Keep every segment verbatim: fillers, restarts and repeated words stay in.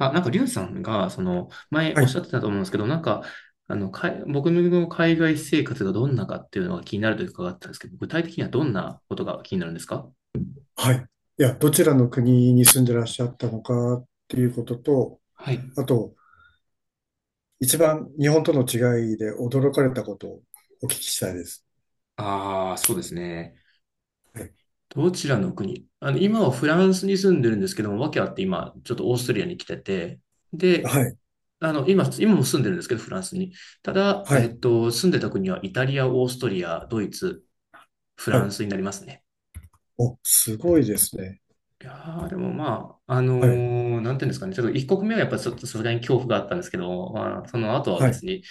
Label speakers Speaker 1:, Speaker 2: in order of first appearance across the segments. Speaker 1: あ、なんか、リュウさんが、その、前
Speaker 2: は
Speaker 1: おっし
Speaker 2: い。
Speaker 1: ゃってたと思うんですけど、なんか、あの、かい、僕の海外生活がどんなかっていうのが気になると伺ったんですけど、具体的にはどんなことが気になるんですか？
Speaker 2: はい。いや、どちらの国に住んでらっしゃったのかっていうことと、
Speaker 1: はい。
Speaker 2: あと、一番日本との違いで驚かれたことをお聞きしたいです。
Speaker 1: ああ、そうですね。
Speaker 2: はい。
Speaker 1: どちらの国あの、今はフランスに住んでるんですけども、訳あって今、ちょっとオーストリアに来てて、で、
Speaker 2: はい。
Speaker 1: あの、今、今も住んでるんですけど、フランスに。ただ、
Speaker 2: は
Speaker 1: え
Speaker 2: い。
Speaker 1: っと、住んでた国はイタリア、オーストリア、ドイツ、フ
Speaker 2: は
Speaker 1: ラン
Speaker 2: い。
Speaker 1: スになりますね。
Speaker 2: お、すごいですね。
Speaker 1: いやーでもまあ、あの
Speaker 2: はい。
Speaker 1: ーなんていうんですかね、ちょっと一刻目はやっぱちょっとさすがに恐怖があったんですけど、まあ、その後は
Speaker 2: は
Speaker 1: 別
Speaker 2: い。
Speaker 1: に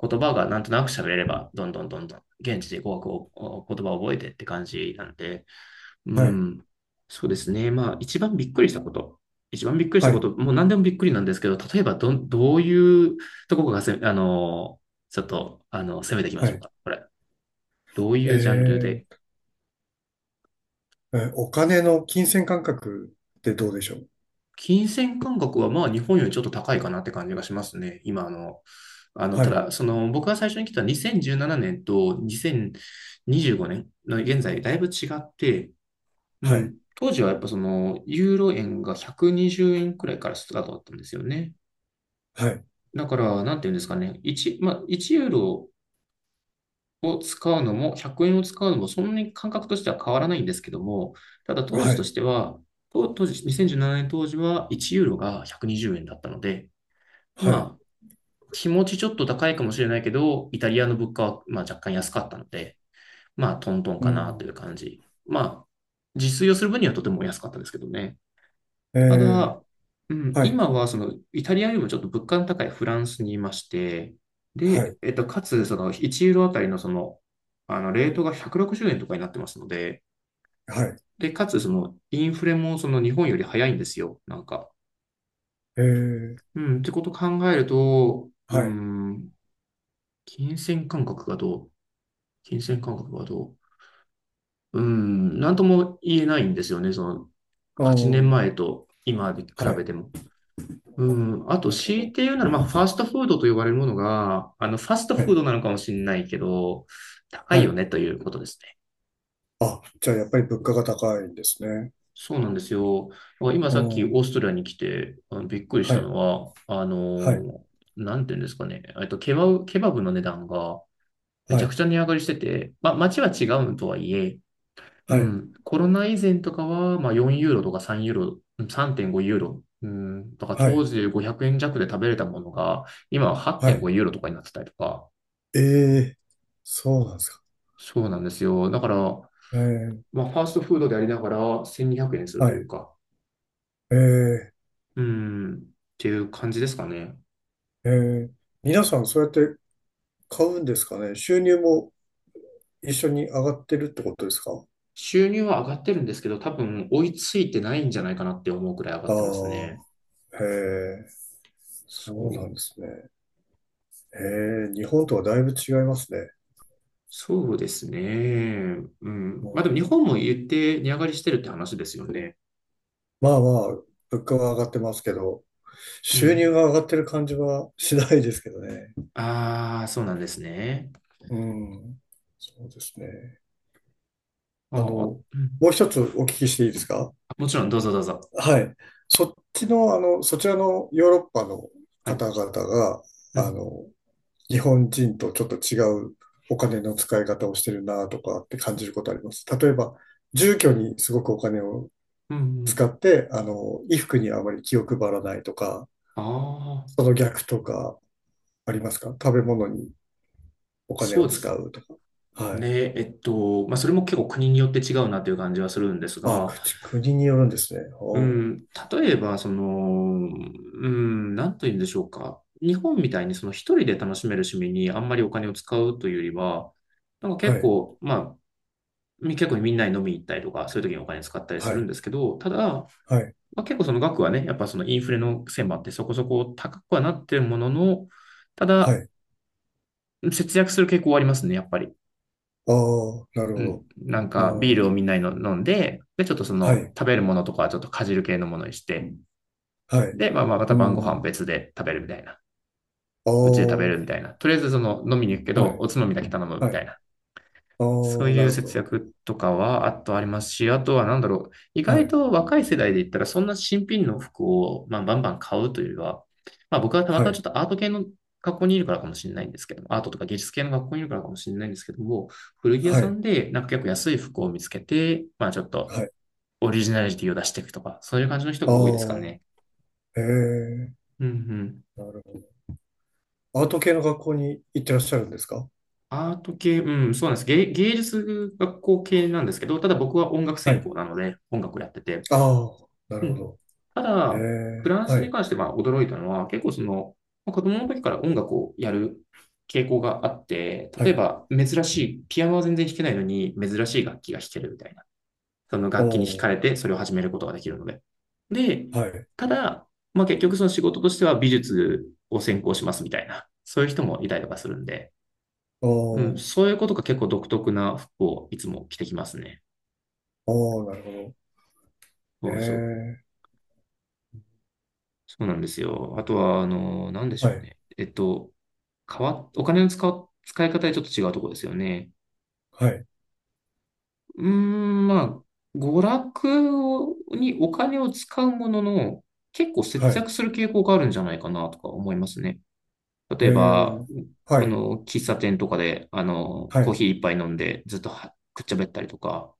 Speaker 1: 言葉がなんとなく喋れれば、どんどんどんどん現地で語学を、お言葉を覚えてって感じなんで、う
Speaker 2: はい。
Speaker 1: ん、そうですね。まあ、一番びっくりしたこと。一番びっくりした
Speaker 2: は
Speaker 1: こ
Speaker 2: い。
Speaker 1: と、もう何でもびっくりなんですけど、例えばどん、どういうとこがせ、あのーちょっと、あの、攻めていきま
Speaker 2: は
Speaker 1: しょう
Speaker 2: い。
Speaker 1: か、これ。どう
Speaker 2: え
Speaker 1: いうジャンルで？
Speaker 2: ー、えーお金の金銭感覚ってどうでしょう？
Speaker 1: 金銭感覚はまあ日本よりちょっと高いかなって感じがしますね。今あの、あの、
Speaker 2: は
Speaker 1: た
Speaker 2: い。
Speaker 1: だ、その僕が最初に来たにせんじゅうななねんとにせんにじゅうごねんの現在だいぶ違って、う
Speaker 2: はい。
Speaker 1: ん、当時はやっぱそのユーロ円がひゃくにじゅうえんくにじゅうえんくらいからスタートだったんですよね。
Speaker 2: はい。
Speaker 1: だから、なんていうんですかね、いち、まあ、いちユーロを使うのもひゃくえんを使うのもそんなに感覚としては変わらないんですけども、ただ当
Speaker 2: は
Speaker 1: 時と
Speaker 2: い。
Speaker 1: しては、当当時、にせんじゅうななねん当時はいちユーロがひゃくにじゅうえんだったので、ま
Speaker 2: はい。
Speaker 1: あ、気持ちちょっと高いかもしれないけど、イタリアの物価はまあ若干安かったので、まあ、トントン
Speaker 2: う
Speaker 1: かなとい
Speaker 2: ん。
Speaker 1: う感じ。まあ、自炊をする分にはとても安かったですけどね。
Speaker 2: え
Speaker 1: た
Speaker 2: ー、
Speaker 1: だ、うん、
Speaker 2: はい。
Speaker 1: 今はそのイタリアよりもちょっと物価の高いフランスにいまして、
Speaker 2: は
Speaker 1: で、
Speaker 2: い。
Speaker 1: えっと、かつ、そのいちユーロあたりのその、あの、レートがひゃくろくじゅうえんとかになってますので、
Speaker 2: はい。
Speaker 1: で、かつ、その、インフレもその日本より早いんですよ、なんか。
Speaker 2: えー、
Speaker 1: うん、ってことを考えると、う
Speaker 2: はい。
Speaker 1: ん、金銭感覚がどう金銭感覚はどううーん、なんとも言えないんですよね。その、
Speaker 2: あ
Speaker 1: 8年
Speaker 2: ー、
Speaker 1: 前と今で比
Speaker 2: は
Speaker 1: べ
Speaker 2: い。
Speaker 1: ても。うん、あと、
Speaker 2: なるほ
Speaker 1: 強い
Speaker 2: ど。
Speaker 1: て言うなら、まあ、ファストフードと呼ばれるものが、あの、ファスト
Speaker 2: は
Speaker 1: フ
Speaker 2: い。
Speaker 1: ードなのかもしれないけど、高
Speaker 2: は
Speaker 1: いよ
Speaker 2: い。
Speaker 1: ねということですね。
Speaker 2: あ、じゃあやっぱり物価が高いんですね。
Speaker 1: そうなんですよ。今
Speaker 2: う
Speaker 1: さっきオー
Speaker 2: ん。
Speaker 1: ストラリアに来て、あのびっくりし
Speaker 2: は
Speaker 1: た
Speaker 2: い。
Speaker 1: のは、あ
Speaker 2: はい。
Speaker 1: の、なんていうんですかね。えっと、ケバブ、ケバブの値段がめ
Speaker 2: は
Speaker 1: ちゃ
Speaker 2: い。
Speaker 1: くちゃ値上がりしてて、まあ、街は違うとはいえ、う
Speaker 2: はい。
Speaker 1: ん、コロナ以前とかは、まあ、よんユーロとかさんユーロ、うんさんてんごユーロ、うん、とか
Speaker 2: は
Speaker 1: 当
Speaker 2: い。
Speaker 1: 時ごひゃくえん弱で食べれたものが、今は
Speaker 2: はい。
Speaker 1: はちてんごユーロとかになってたりとか、
Speaker 2: ええ、そうなんですか。
Speaker 1: そうなんですよ。だから、
Speaker 2: ええ、
Speaker 1: まあ、ファーストフードでありながらせんにひゃくえんする
Speaker 2: は
Speaker 1: という
Speaker 2: い。
Speaker 1: か、
Speaker 2: ええ、
Speaker 1: うん、っていう感じですかね。
Speaker 2: ええ。皆さんそうやって買うんですかね。収入も一緒に上がってるってことですか？
Speaker 1: 収入は上がってるんですけど、多分追いついてないんじゃないかなって思うくらい上が
Speaker 2: あ
Speaker 1: ってますね。
Speaker 2: あ、へえ、
Speaker 1: そ
Speaker 2: そうな
Speaker 1: う、
Speaker 2: んですね。へえ、日本とはだいぶ違いますね。
Speaker 1: そうですね。う
Speaker 2: う
Speaker 1: ん。まあでも日
Speaker 2: ん。
Speaker 1: 本も言って値上がりしてるって話ですよね。
Speaker 2: まあまあ、物価は上がってますけど、
Speaker 1: う
Speaker 2: 収入
Speaker 1: ん。
Speaker 2: が上がってる感じはしないですけどね。
Speaker 1: ああ、そうなんですね。
Speaker 2: うん。そうですね。
Speaker 1: あ
Speaker 2: あの、
Speaker 1: あ、
Speaker 2: も
Speaker 1: うん。
Speaker 2: う一つお聞きしていいですか？
Speaker 1: もちろん、どうぞどうぞ。
Speaker 2: はい。そっちの、あの、そちらのヨーロッパの
Speaker 1: はい。
Speaker 2: 方々が、
Speaker 1: う
Speaker 2: あ
Speaker 1: ん。
Speaker 2: の、日本人とちょっと違うお金の使い方をしてるなとかって感じることあります？例えば、住居にすごくお金を
Speaker 1: うん、う
Speaker 2: 使
Speaker 1: ん。
Speaker 2: って、あの、衣服にあまり気を配らないとか、
Speaker 1: あ
Speaker 2: そ
Speaker 1: あ、
Speaker 2: の逆とか、ありますか？食べ物にお金
Speaker 1: そ
Speaker 2: を
Speaker 1: うで
Speaker 2: 使
Speaker 1: す
Speaker 2: うとか。はい。
Speaker 1: ね。えっと、まあ、それも結構国によって違うなという感じはするんです
Speaker 2: あ、
Speaker 1: が、
Speaker 2: 口、国によるんですね。
Speaker 1: う
Speaker 2: おー、
Speaker 1: ん、例えば、その、うん、なんと言うんでしょうか。日本みたいに、その一人で楽しめる趣味にあんまりお金を使うというよりは、なんか
Speaker 2: は
Speaker 1: 結
Speaker 2: い。
Speaker 1: 構、まあ、み結構みんなに飲みに行ったりとか、そういう時にお金使ったりす
Speaker 2: は
Speaker 1: る
Speaker 2: い。
Speaker 1: んですけど、ただ、
Speaker 2: はい。
Speaker 1: まあ、結構その額はね、やっぱそのインフレの線もあってそこそこ高くはなってるものの、た
Speaker 2: は
Speaker 1: だ、
Speaker 2: い。
Speaker 1: 節約する傾向はありますね、やっぱり。
Speaker 2: ああ、なる
Speaker 1: う
Speaker 2: ほ
Speaker 1: ん。
Speaker 2: ど。
Speaker 1: なんか、ビール
Speaker 2: お
Speaker 1: を
Speaker 2: ー、
Speaker 1: みんなに飲飲んで、で、ちょっとそ
Speaker 2: は
Speaker 1: の、
Speaker 2: い。
Speaker 1: 食べるものとかはちょっとかじる系のものにして、
Speaker 2: はい。う
Speaker 1: で、まあまあ、また
Speaker 2: ー
Speaker 1: 晩ご飯
Speaker 2: ん。
Speaker 1: 別で食べるみたいな。
Speaker 2: あ
Speaker 1: うちで食べるみ
Speaker 2: あ、
Speaker 1: たいな。とりあえずその、飲みに行くけ
Speaker 2: は
Speaker 1: ど、
Speaker 2: い。
Speaker 1: おつまみだけ頼むみ
Speaker 2: は
Speaker 1: た
Speaker 2: い。
Speaker 1: いな。
Speaker 2: あ
Speaker 1: そう
Speaker 2: あ、
Speaker 1: い
Speaker 2: な
Speaker 1: う
Speaker 2: るほ
Speaker 1: 節
Speaker 2: ど。
Speaker 1: 約とかは、あとありますし、あとはなんだろう、意
Speaker 2: は
Speaker 1: 外
Speaker 2: い。
Speaker 1: と若い世代で言ったら、そんな新品の服を、まあ、バンバン買うというよりは、まあ、僕はたま
Speaker 2: は
Speaker 1: たまちょ
Speaker 2: い。
Speaker 1: っとアート系の学校にいるからかもしれないんですけども、アートとか芸術系の学校にいるからかもしれないんですけども、古着屋
Speaker 2: は
Speaker 1: さ
Speaker 2: い。
Speaker 1: んでなんか結構安い服を見つけて、まあ、ちょっと
Speaker 2: はい。
Speaker 1: オリジナリティを出していくとか、そういう感じの人
Speaker 2: あ
Speaker 1: が多いですからね。
Speaker 2: あ、ええ、
Speaker 1: うんうん。
Speaker 2: なるほど。アート系の学校に行ってらっしゃるんですか？
Speaker 1: アート系、うん、そうなんです。芸、芸術学校系なんですけど、ただ僕は音楽
Speaker 2: は
Speaker 1: 専
Speaker 2: い。
Speaker 1: 攻なので、音楽をやってて、
Speaker 2: ああ、な
Speaker 1: う
Speaker 2: るほ
Speaker 1: ん。
Speaker 2: ど。
Speaker 1: た
Speaker 2: え
Speaker 1: だ、フ
Speaker 2: え、
Speaker 1: ランス
Speaker 2: は
Speaker 1: に
Speaker 2: い。
Speaker 1: 関しては驚いたのは、結構その、まあ子供の時から音楽をやる傾向があって、
Speaker 2: は
Speaker 1: 例え
Speaker 2: い。
Speaker 1: ば珍しい、ピアノは全然弾けないのに珍しい楽器が弾けるみたいな。その
Speaker 2: お
Speaker 1: 楽器に惹か
Speaker 2: ー、
Speaker 1: れてそれを始めることができるので。で、
Speaker 2: はい。
Speaker 1: ただ、まあ結局その仕事としては美術を専攻しますみたいな、そういう人もいたりとかするんで、
Speaker 2: お
Speaker 1: うん、
Speaker 2: ー、
Speaker 1: そういうことが結構独特な服をいつも着てきますね。
Speaker 2: おー、なるほど。え
Speaker 1: そうそう。
Speaker 2: え、
Speaker 1: そうなんですよ。あとは、あの、なんでし
Speaker 2: は
Speaker 1: ょう
Speaker 2: い、
Speaker 1: ね。えっと、変わっ、お金の使う、使い方でちょっと違うところですよね。
Speaker 2: はい、
Speaker 1: うーん、まあ、娯楽にお金を使うものの、結構節
Speaker 2: はい、
Speaker 1: 約する傾向があるんじゃないかなとか思いますね。
Speaker 2: え
Speaker 1: 例えば、
Speaker 2: え、は
Speaker 1: あ
Speaker 2: い、
Speaker 1: の、喫茶店とかで、あの、
Speaker 2: は
Speaker 1: コー
Speaker 2: い、
Speaker 1: ヒー一杯飲んでずっとはくっちゃべったりとか、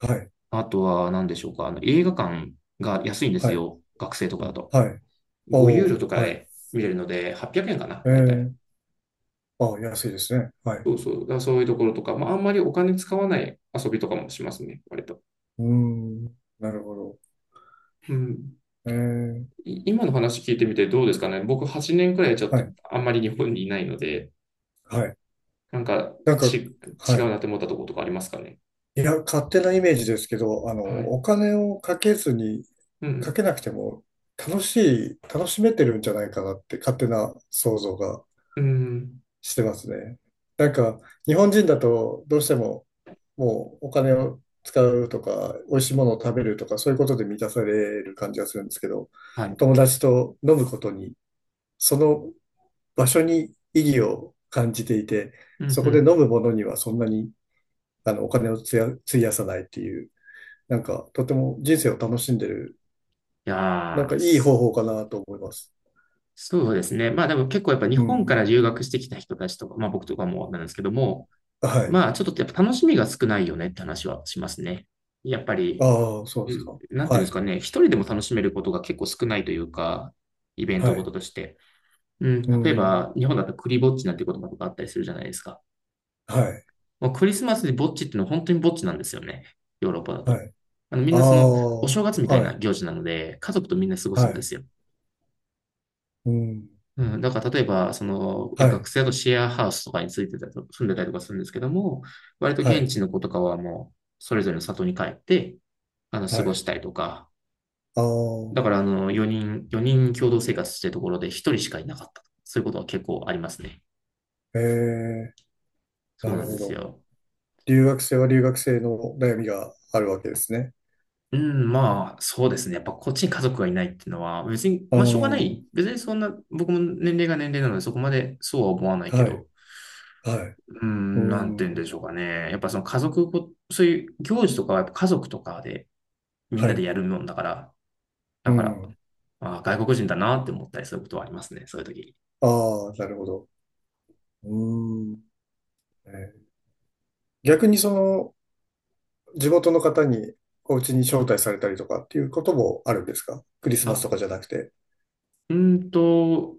Speaker 2: はい、
Speaker 1: あとは何でしょうか、あの、映画館が安いんで
Speaker 2: は
Speaker 1: す
Speaker 2: い、
Speaker 1: よ。学生とかだと。
Speaker 2: はい、
Speaker 1: ご
Speaker 2: お
Speaker 1: ユーロ
Speaker 2: お、
Speaker 1: とか
Speaker 2: はい、
Speaker 1: で見れるので、はっぴゃくえんかな、
Speaker 2: え
Speaker 1: だいたい。
Speaker 2: え、あ、安いですね。はい。
Speaker 1: そうそう。だからそういうところとか、まあ、あんまりお金使わない遊びとかもしますね、割と。
Speaker 2: うーん、なるほど。
Speaker 1: うん。
Speaker 2: ええ、
Speaker 1: い今の話聞いてみてどうですかね。僕はちねんくらいちょっ
Speaker 2: は
Speaker 1: と
Speaker 2: い、
Speaker 1: あんまり日本にいないので、
Speaker 2: はい。
Speaker 1: なんか
Speaker 2: なんか、
Speaker 1: ち、
Speaker 2: は
Speaker 1: 違う
Speaker 2: い。
Speaker 1: なって思ったところとかありますかね。
Speaker 2: いや、勝手なイメージですけど、あの、
Speaker 1: はい。
Speaker 2: お金をかけずに、
Speaker 1: う
Speaker 2: か
Speaker 1: ん。
Speaker 2: けなくても、楽しい、楽しめてるんじゃないかなって、勝手な想像が
Speaker 1: うん。
Speaker 2: してますね。なんか、日本人だとどうしても、もうお金を使うとか、美味しいものを食べるとか、そういうことで満たされる感じがするんですけど、
Speaker 1: はい。
Speaker 2: 友達と飲むことに、その場所に意義を感じていて、
Speaker 1: うんう
Speaker 2: そこで飲
Speaker 1: ん。
Speaker 2: むものにはそんなにあのお金をつや費やさないっていう、なんか、とても人生を楽しんでる、
Speaker 1: い
Speaker 2: なん
Speaker 1: や
Speaker 2: か
Speaker 1: ー、
Speaker 2: いい方
Speaker 1: す
Speaker 2: 法かなと思います。
Speaker 1: そうですね。まあでも結構やっぱ日
Speaker 2: う
Speaker 1: 本か
Speaker 2: ん。
Speaker 1: ら留学してきた人たちとか、まあ僕とかもなんですけども、
Speaker 2: はい。
Speaker 1: まあちょっとやっぱ楽しみが少ないよねって話はしますね。やっぱり
Speaker 2: ああ、そう
Speaker 1: う
Speaker 2: です
Speaker 1: ん
Speaker 2: か。
Speaker 1: なんていう
Speaker 2: は
Speaker 1: んです
Speaker 2: い。
Speaker 1: かね、一人でも楽しめることが結構少ないというか、イベン
Speaker 2: は
Speaker 1: トごと
Speaker 2: い。
Speaker 1: として。うん、
Speaker 2: う
Speaker 1: 例え
Speaker 2: ん。
Speaker 1: ば、日本だとクリぼっちなんて言葉とかあったりするじゃないですか。
Speaker 2: はい。
Speaker 1: もうクリスマスでぼっちっていうのは本当にぼっちなんですよね。ヨーロッパだ
Speaker 2: は
Speaker 1: と。
Speaker 2: い。
Speaker 1: あの、み
Speaker 2: あ
Speaker 1: ん
Speaker 2: あ、
Speaker 1: なその、お正月みたい
Speaker 2: は
Speaker 1: な
Speaker 2: い、
Speaker 1: 行事なので、家族とみんな過ご
Speaker 2: は
Speaker 1: すんで
Speaker 2: い、
Speaker 1: すよ。
Speaker 2: うん、
Speaker 1: うん、だから例えば、その、いや、
Speaker 2: は
Speaker 1: 学
Speaker 2: い、
Speaker 1: 生だとシェアハウスとかについてたりと、住んでたりとかするんですけども、割と
Speaker 2: は
Speaker 1: 現
Speaker 2: い、
Speaker 1: 地の子とかはもう、それぞれの里に帰って、あの、
Speaker 2: は
Speaker 1: 過ご
Speaker 2: い、
Speaker 1: したりとか、
Speaker 2: あ
Speaker 1: だから、
Speaker 2: あ、
Speaker 1: あの、よにん、よにん共同生活してるところでひとりしかいなかった。そういうことは結構ありますね。
Speaker 2: ええ、
Speaker 1: そう
Speaker 2: な
Speaker 1: な
Speaker 2: る
Speaker 1: んで
Speaker 2: ほ
Speaker 1: す
Speaker 2: ど。
Speaker 1: よ。
Speaker 2: 留学生は留学生の悩みがあるわけですね。
Speaker 1: うん、まあ、そうですね。やっぱこっちに家族がいないっていうのは、別に、
Speaker 2: ああ、
Speaker 1: まあ、しょうがな
Speaker 2: は
Speaker 1: い。別にそんな、僕も年齢が年齢なので、そこまでそうは思わない
Speaker 2: い、
Speaker 1: けど、
Speaker 2: はい、
Speaker 1: う
Speaker 2: う
Speaker 1: ん、なんて言うんで
Speaker 2: ん、
Speaker 1: しょうかね。やっぱその家族ご、そういう行事とかはやっぱ家族とかでみん
Speaker 2: は
Speaker 1: なで
Speaker 2: い、
Speaker 1: やるもんだから、
Speaker 2: う
Speaker 1: だから、
Speaker 2: ん、
Speaker 1: あ、外国人だなって思ったりすることはありますね。そういう時に。
Speaker 2: ああ、なるほど。うん、えー逆にその、地元の方にお家に招待されたりとかっていうこともあるんですか？クリスマスとかじ
Speaker 1: あ、
Speaker 2: ゃなくて。
Speaker 1: うーんと、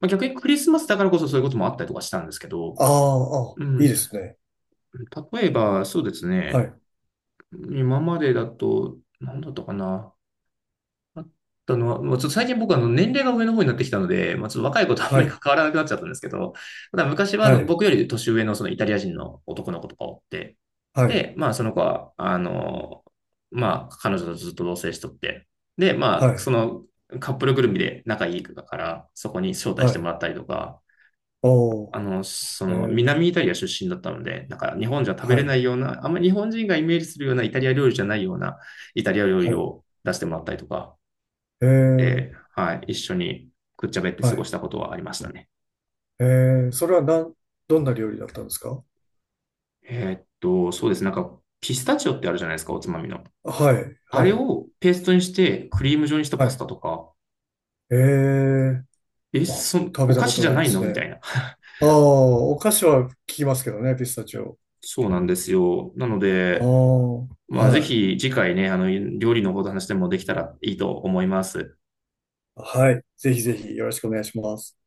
Speaker 1: まあ、逆にクリスマスだからこそそういうこともあったりとかしたんですけど、
Speaker 2: ああ、ああ、
Speaker 1: う
Speaker 2: いい
Speaker 1: ん。
Speaker 2: ですね。
Speaker 1: 例えば、そうです
Speaker 2: は
Speaker 1: ね。
Speaker 2: い、
Speaker 1: 今までだと、何だったかな。あったのは、まあ、ちょっと最近僕はあの年齢が上の方になってきたので、まあ、ちょっと若い子とあん
Speaker 2: は
Speaker 1: まり
Speaker 2: い、
Speaker 1: 関わらなくなっちゃったんですけど、ただ昔はあ
Speaker 2: は
Speaker 1: の
Speaker 2: い、
Speaker 1: 僕より年上のそのイタリア人の男の子とかおって、
Speaker 2: はい、
Speaker 1: で、まあその子は、あの、まあ彼女とずっと同棲しとって、で、ま
Speaker 2: は
Speaker 1: あそ
Speaker 2: い、
Speaker 1: のカップルぐるみで仲いいから、そこに招待し
Speaker 2: は
Speaker 1: ても
Speaker 2: い。
Speaker 1: らったりとか、
Speaker 2: お
Speaker 1: あ
Speaker 2: ー、
Speaker 1: の、そ
Speaker 2: え
Speaker 1: の、
Speaker 2: ー、
Speaker 1: 南イタリア出身だったので、なんか日本じゃ食べ
Speaker 2: は
Speaker 1: れな
Speaker 2: い、
Speaker 1: いような、あんまり日本人がイメージするようなイタリア料理じゃないようなイタリア料理
Speaker 2: はい、
Speaker 1: を出してもらったりとか、
Speaker 2: えー、
Speaker 1: で、はい、一緒にくっちゃべって
Speaker 2: は
Speaker 1: 過ご
Speaker 2: い、
Speaker 1: したことはありましたね。
Speaker 2: えー、それはなん、どんな料理だったんですか？
Speaker 1: えーっと、そうです。なんか、ピスタチオってあるじゃないですか、おつまみの。
Speaker 2: はい、
Speaker 1: あ
Speaker 2: は
Speaker 1: れ
Speaker 2: い、
Speaker 1: をペーストにして、クリーム状にした
Speaker 2: は
Speaker 1: パス
Speaker 2: い、
Speaker 1: タとか、
Speaker 2: えー、
Speaker 1: え、
Speaker 2: あ、
Speaker 1: そ、
Speaker 2: 食べ
Speaker 1: お
Speaker 2: た
Speaker 1: 菓
Speaker 2: こ
Speaker 1: 子
Speaker 2: と
Speaker 1: じゃ
Speaker 2: ない
Speaker 1: な
Speaker 2: で
Speaker 1: いの
Speaker 2: す
Speaker 1: みた
Speaker 2: ね。
Speaker 1: いな。
Speaker 2: ああ、お菓子は聞きますけどね、ピスタチオ。
Speaker 1: そうなんですよ。なの
Speaker 2: ああ、
Speaker 1: で、まあ、ぜ
Speaker 2: はい、
Speaker 1: ひ次回ね、あの、料理のこと話でもできたらいいと思います。
Speaker 2: はい、ぜひぜひよろしくお願いします。